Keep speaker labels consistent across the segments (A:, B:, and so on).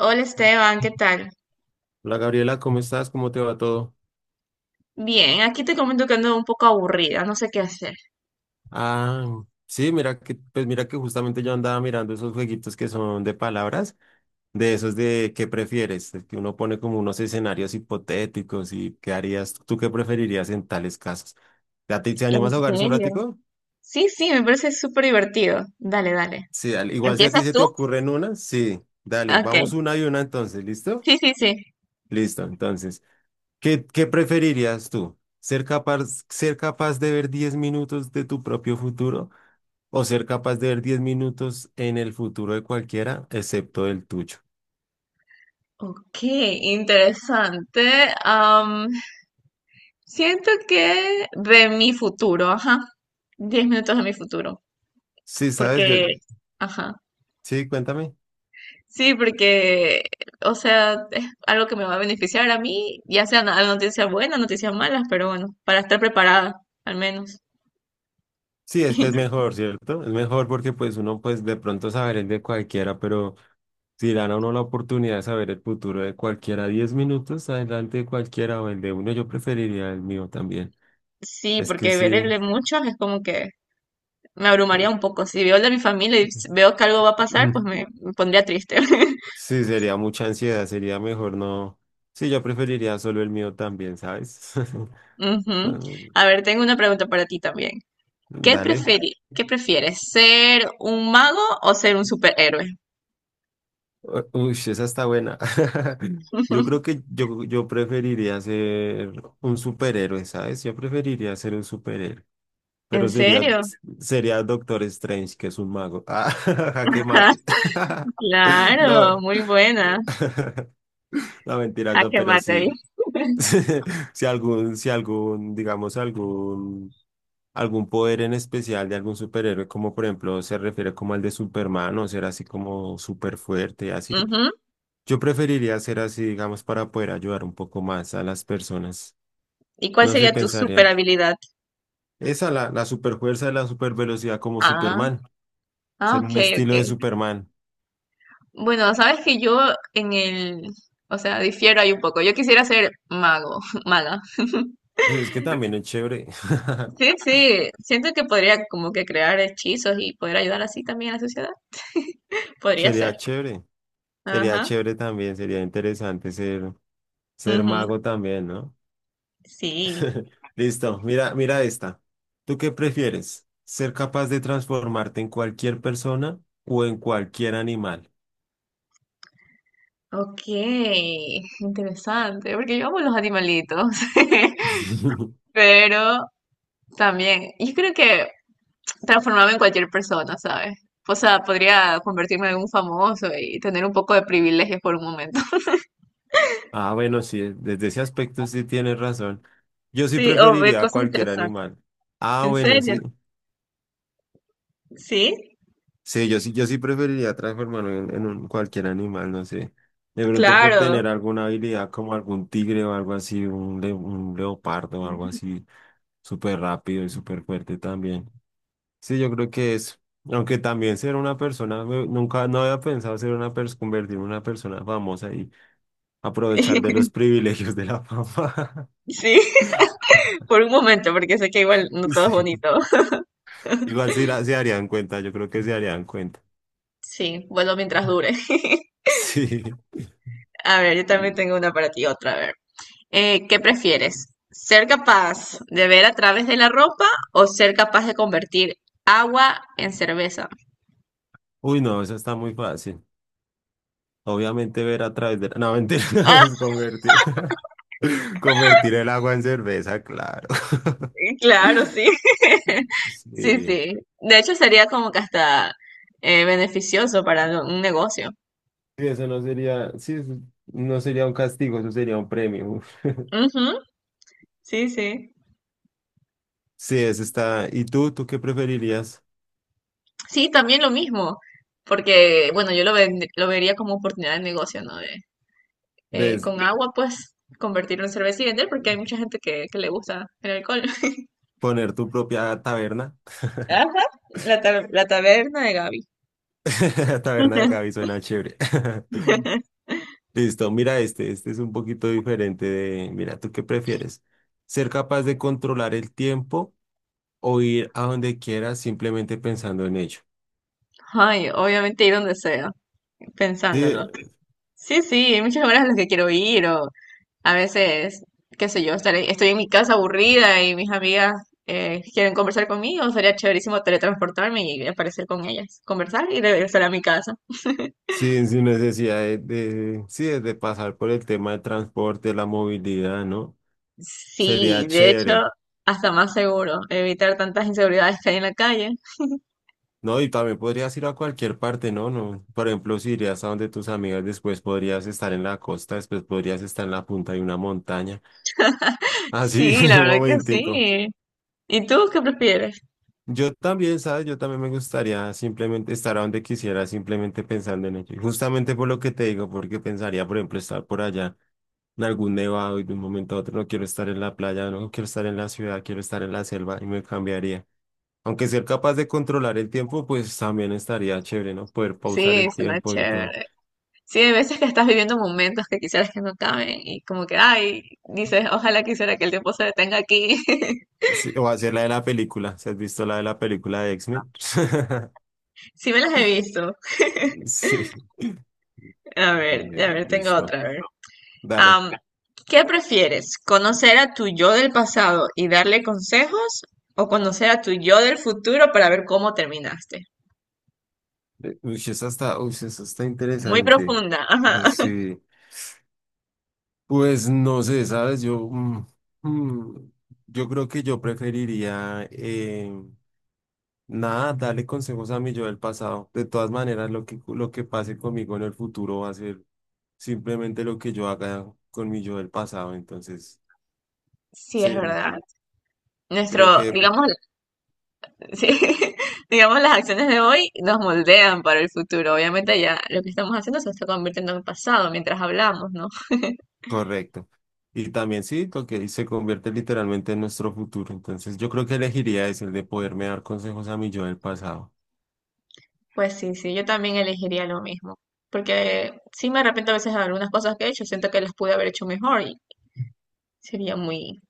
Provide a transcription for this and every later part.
A: Hola Esteban, ¿qué tal?
B: Hola Gabriela, ¿cómo estás? ¿Cómo te va todo?
A: Bien, aquí te comento que ando un poco aburrida, no sé qué hacer.
B: Ah, sí, mira que, pues mira que justamente yo andaba mirando esos jueguitos que son de palabras, de esos de ¿qué prefieres? Que uno pone como unos escenarios hipotéticos y ¿qué harías? ¿Tú qué preferirías en tales casos? ¿A ti te
A: ¿En
B: animas a jugar un
A: serio?
B: ratico?
A: Sí, sí, me parece súper divertido. Dale, dale.
B: Sí, dale. Igual si a ti
A: ¿Empiezas
B: se te
A: tú?
B: ocurren una, sí, dale,
A: Ok.
B: vamos una y una entonces, ¿listo?
A: Sí, sí, sí.
B: Listo, entonces, ¿qué preferirías tú? ¿Ser capaz de ver 10 minutos de tu propio futuro o ser capaz de ver 10 minutos en el futuro de cualquiera, excepto el tuyo?
A: Ok, interesante. Siento que de mi futuro, ajá. 10 minutos de mi futuro.
B: Sí, sabes, yo,
A: Porque, ajá.
B: sí, cuéntame.
A: Sí, porque, o sea, es algo que me va a beneficiar a mí, ya sea una noticia buena, noticias malas, pero bueno, para estar preparada, al menos.
B: Sí, es que es mejor, ¿cierto? Es mejor porque pues uno de pronto saber el de cualquiera, pero si dan a uno la oportunidad de saber el futuro de cualquiera, 10 minutos adelante de cualquiera o el de uno, yo preferiría el mío también.
A: Sí,
B: Es que
A: porque ver
B: sí,
A: el de muchos es como que me abrumaría
B: eh,
A: un poco. Si veo el de mi familia y veo que algo va a pasar, pues
B: mm,
A: me pondría triste.
B: sí, sería mucha ansiedad, sería mejor no. Sí, yo preferiría solo el mío también, ¿sabes? Ah,
A: Ujú. A ver, tengo una pregunta para ti también. ¿Qué
B: dale.
A: qué prefieres? ¿Ser un mago o ser un superhéroe?
B: Uy, esa está buena. Yo creo que yo preferiría ser un superhéroe, ¿sabes? Yo preferiría ser un superhéroe. Pero
A: ¿En
B: sería,
A: serio?
B: sería Doctor Strange, que es un mago. Ah, jaque
A: Ah,
B: mate.
A: claro,
B: No,
A: muy buena.
B: no mentiras, no,
A: Jaque
B: pero
A: mate ahí.
B: sí. Si algún, si algún, digamos, algún, algún poder en especial de algún superhéroe, como por ejemplo se refiere como al de Superman, o ser así como súper fuerte, así.
A: Ujú.
B: Yo preferiría hacer así, digamos, para poder ayudar un poco más a las personas.
A: ¿Y cuál
B: No se
A: sería tu super
B: pensaría.
A: habilidad?
B: Esa, la superfuerza y la supervelocidad como
A: Ah,
B: Superman.
A: ah,
B: Ser
A: ok,
B: un estilo de
A: ok.
B: Superman.
A: Bueno, sabes que yo en el, o sea, difiero ahí un poco. Yo quisiera ser mago, maga.
B: Pues es que también es chévere.
A: Sí, sí, siento que podría como que crear hechizos y poder ayudar así también a la sociedad. Podría ser.
B: Sería chévere. Sería
A: Ajá.
B: chévere también. Sería interesante ser, ser
A: Ujú,
B: mago también, ¿no?
A: sí.
B: Listo. Mira, mira esta. ¿Tú qué prefieres? ¿Ser capaz de transformarte en cualquier persona o en cualquier animal?
A: Ok, interesante, porque yo amo los animalitos, pero también, yo creo que transformarme en cualquier persona, ¿sabes? O sea, podría convertirme en un famoso y tener un poco de privilegios por un momento.
B: Ah, bueno, sí, desde ese aspecto sí tienes razón. Yo sí
A: Sí, o ver
B: preferiría a
A: cosas
B: cualquier
A: interesantes.
B: animal. Ah,
A: ¿En
B: bueno,
A: serio?
B: sí.
A: Sí,
B: Sí, yo sí preferiría transformarme en cualquier animal, no sé. De pronto por
A: claro.
B: tener alguna habilidad como algún tigre o algo así, un, un leopardo o algo así, súper rápido y súper fuerte también. Sí, yo creo que es. Aunque también ser una persona, nunca, no había pensado ser una persona, convertirme en una persona famosa y aprovechar de los privilegios de la fama.
A: Sí, por un momento, porque sé que igual no todo es
B: Sí.
A: bonito.
B: Igual sí se darían cuenta, yo creo que se darían cuenta.
A: Sí, bueno, mientras dure.
B: Sí.
A: A ver, yo también tengo una para ti, otra, a ver. ¿Qué prefieres? ¿Ser capaz de ver a través de la ropa o ser capaz de convertir agua en cerveza?
B: Uy, no, eso está muy fácil. Obviamente ver a través de no, mentira,
A: Ah,
B: es convertir. Convertir el agua en cerveza, claro.
A: claro, sí. Sí,
B: Sí.
A: sí. De hecho, sería como que hasta beneficioso para un negocio.
B: Sí, eso no sería, sí, eso no sería un castigo, eso sería un premio. Uf.
A: Ujú, sí, sí.
B: Sí, eso está. ¿Y tú qué preferirías?
A: Sí, también lo mismo, porque bueno, yo lo vería como oportunidad de negocio, ¿no? De,
B: ¿De
A: con agua, pues, convertirlo en cerveza y vender, porque hay mucha gente que le gusta el alcohol.
B: poner tu propia taberna?
A: Ajá, la taberna de Gaby.
B: Taberna de Cavi suena chévere. Listo, mira este, este es un poquito diferente de, mira, ¿tú qué prefieres? ¿Ser capaz de controlar el tiempo o ir a donde quieras simplemente pensando en ello?
A: Ay, obviamente ir donde sea,
B: Sí,
A: pensándolo. Sí, sí, hay muchas horas a las que quiero ir, o a veces, qué sé yo, estaré, estoy en mi casa aburrida y mis amigas quieren conversar conmigo, sería chéverísimo teletransportarme y aparecer con ellas, conversar y regresar a mi casa.
B: sí sin necesidad de sí, de pasar por el tema del transporte, la movilidad, ¿no?
A: Sí,
B: Sería
A: de hecho,
B: chévere,
A: hasta más seguro, evitar tantas inseguridades que hay en la calle.
B: ¿no? Y también podrías ir a cualquier parte, ¿no? No, por ejemplo, si irías a donde tus amigas, después podrías estar en la costa, después podrías estar en la punta de una montaña. Así,
A: Sí, la
B: un
A: verdad que
B: momentico.
A: sí. ¿Y tú qué prefieres?
B: Yo también, ¿sabes? Yo también me gustaría simplemente estar a donde quisiera, simplemente pensando en ello. Y justamente por lo que te digo, porque pensaría, por ejemplo, estar por allá en algún nevado y de un momento a otro no quiero estar en la playa, no quiero estar en la ciudad, quiero estar en la selva y me cambiaría. Aunque ser capaz de controlar el tiempo, pues también estaría chévere, ¿no? Poder pausar
A: Sí,
B: el
A: suena
B: tiempo y todo.
A: chévere. Sí, hay veces que estás viviendo momentos que quisieras que no acaben y como que, ay, dices, ojalá quisiera que el tiempo se detenga aquí.
B: Sí, o hacer la de la película. ¿Se has visto la de la película de X-Men?
A: Sí me las he visto.
B: Sí. Está
A: A
B: bien,
A: ver, tengo
B: listo.
A: otra, a ver.
B: Dale.
A: Am, ¿Qué prefieres? ¿Conocer a tu yo del pasado y darle consejos o conocer a tu yo del futuro para ver cómo terminaste?
B: Uy, esa está
A: Muy
B: interesante.
A: profunda, ajá.
B: Sí, pues no sé, ¿sabes? Yo, mm, yo creo que yo preferiría, nada, darle consejos a mi yo del pasado. De todas maneras, lo que pase conmigo en el futuro va a ser simplemente lo que yo haga con mi yo del pasado. Entonces,
A: Sí, es
B: sí,
A: verdad.
B: creo
A: Nuestro,
B: que
A: digamos, sí, digamos, las acciones de hoy nos moldean para el futuro. Obviamente ya lo que estamos haciendo se está convirtiendo en pasado mientras hablamos, ¿no?
B: correcto. Y también sí, lo que se convierte literalmente en nuestro futuro. Entonces, yo creo que elegiría es el de poderme dar consejos a mi yo del pasado.
A: Pues sí, sí, yo también elegiría lo mismo. Porque sí me arrepiento a veces de algunas cosas que he hecho, siento que las pude haber hecho mejor y sería muy,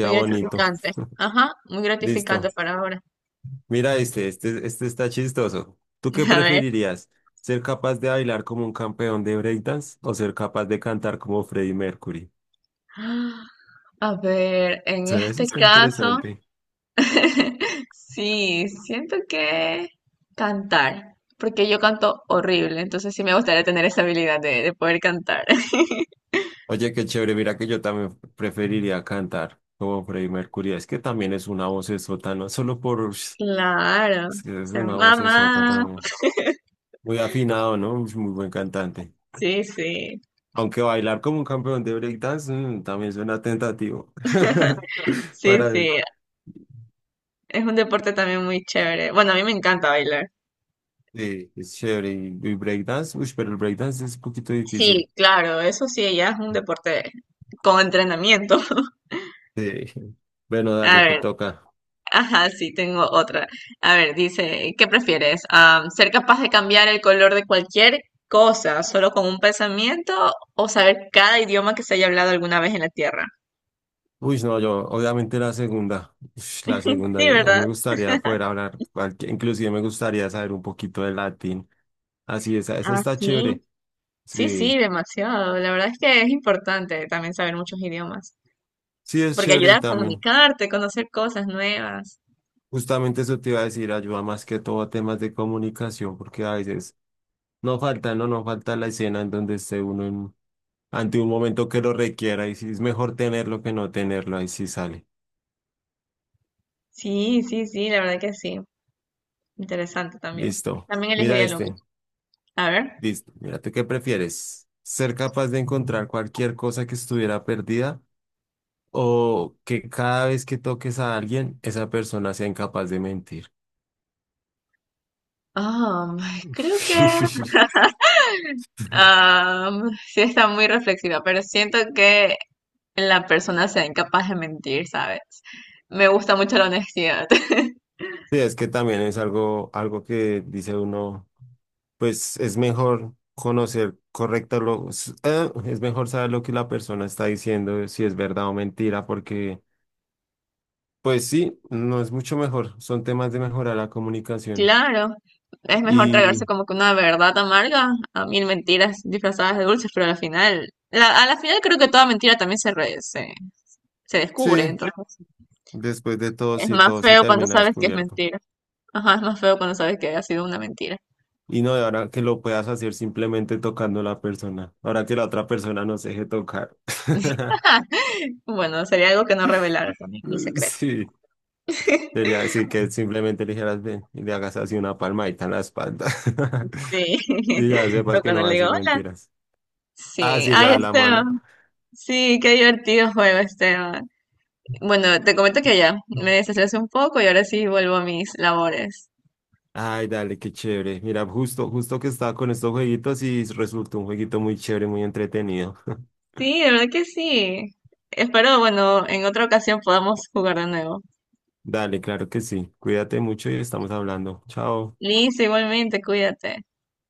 A: muy
B: bonito.
A: gratificante. Ajá, muy gratificante
B: Listo.
A: para ahora.
B: Mira este, este está chistoso. ¿Tú qué
A: A ver,
B: preferirías? ¿Ser capaz de bailar como un campeón de breakdance o ser capaz de cantar como Freddie Mercury?
A: a ver, en
B: Sí, eso
A: este
B: está
A: caso.
B: interesante.
A: Sí, siento que cantar, porque yo canto horrible, entonces sí me gustaría tener esa habilidad de poder cantar.
B: Oye, qué chévere. Mira que yo también preferiría cantar como Freddie Mercury. Es que también es una vocesota, no solo por... ush,
A: Claro,
B: es que es
A: ser
B: una vocesota
A: mamá.
B: también. Muy afinado, ¿no? Ush, muy buen cantante.
A: Sí, sí,
B: Aunque bailar como un campeón de breakdance también suena tentativo.
A: sí,
B: Para
A: sí. Es un deporte también muy chévere. Bueno, a mí me encanta bailar.
B: sí, es chévere. Y breakdance, uy, pero el breakdance es un poquito
A: Sí,
B: difícil.
A: claro, eso sí, ya es un deporte con entrenamiento.
B: Sí. Bueno,
A: A
B: dale, te
A: ver,
B: toca.
A: ajá, sí, tengo otra. A ver, dice, ¿qué prefieres? Ah, ¿ser capaz de cambiar el color de cualquier cosa solo con un pensamiento o saber cada idioma que se haya hablado alguna vez en la Tierra?
B: Uy, no, yo, obviamente la segunda. Ush, la segunda,
A: Sí,
B: yo
A: ¿verdad?
B: me gustaría poder hablar, inclusive me gustaría saber un poquito de latín. Así, esa
A: Ah,
B: está
A: sí.
B: chévere.
A: Sí,
B: Sí,
A: sí, demasiado. La verdad es que es importante también saber muchos idiomas,
B: sí, es
A: porque
B: chévere
A: ayuda
B: y
A: a
B: también,
A: comunicarte, conocer cosas nuevas.
B: justamente eso te iba a decir, ayuda más que todo a temas de comunicación, porque a veces no falta, no falta la escena en donde esté uno ante un momento que lo requiera y sí es mejor tenerlo que no tenerlo, ahí sí sale.
A: Sí, sí, sí, la verdad que sí. Interesante también.
B: Listo.
A: También
B: Mira
A: elegiría lo
B: este.
A: mismo. A ver.
B: Listo. Mírate, ¿qué prefieres? ¿Ser capaz de encontrar cualquier cosa que estuviera perdida o que cada vez que toques a alguien, esa persona sea incapaz de mentir?
A: Ah, creo que Sí está muy reflexiva, pero siento que la persona sea incapaz de mentir, ¿sabes? Me gusta mucho la honestidad.
B: Sí, es que también es algo, algo que dice uno, pues es mejor conocer correcto lo, es mejor saber lo que la persona está diciendo, si es verdad o mentira, porque pues sí, no es mucho mejor, son temas de mejorar la comunicación.
A: Claro, es mejor tragarse
B: Y
A: como que una verdad amarga a mil mentiras disfrazadas de dulces, pero al final, a la final creo que toda mentira también se descubre,
B: sí,
A: entonces
B: después de todo,
A: es
B: sí,
A: más
B: todo se
A: feo cuando
B: termina
A: sabes que es
B: descubierto.
A: mentira. Ajá, es más feo cuando sabes que ha sido una mentira.
B: Y no de ahora que lo puedas hacer simplemente tocando a la persona. Ahora que la otra persona no se deje tocar.
A: Bueno, sería algo que no revelar también, mi secreto.
B: Sí, sería decir que simplemente le dijeras ven y le hagas así una palmadita en la espalda.
A: Sí.
B: Y ya
A: O
B: sepas que no
A: cuando
B: va a
A: le digo,
B: decir
A: hola.
B: mentiras. Ah,
A: Sí.
B: sí, le
A: Ay,
B: das la mano.
A: Esteban. Sí, qué divertido juego, Esteban. Bueno, te comento que ya me desestresé un poco y ahora sí vuelvo a mis labores.
B: Ay, dale, qué chévere. Mira, justo, justo que estaba con estos jueguitos y resultó un jueguito muy chévere, muy entretenido.
A: Sí, de verdad que sí. Espero, bueno, en otra ocasión podamos jugar de nuevo.
B: Dale, claro que sí. Cuídate mucho y estamos hablando. Chao.
A: Liz, igualmente, cuídate.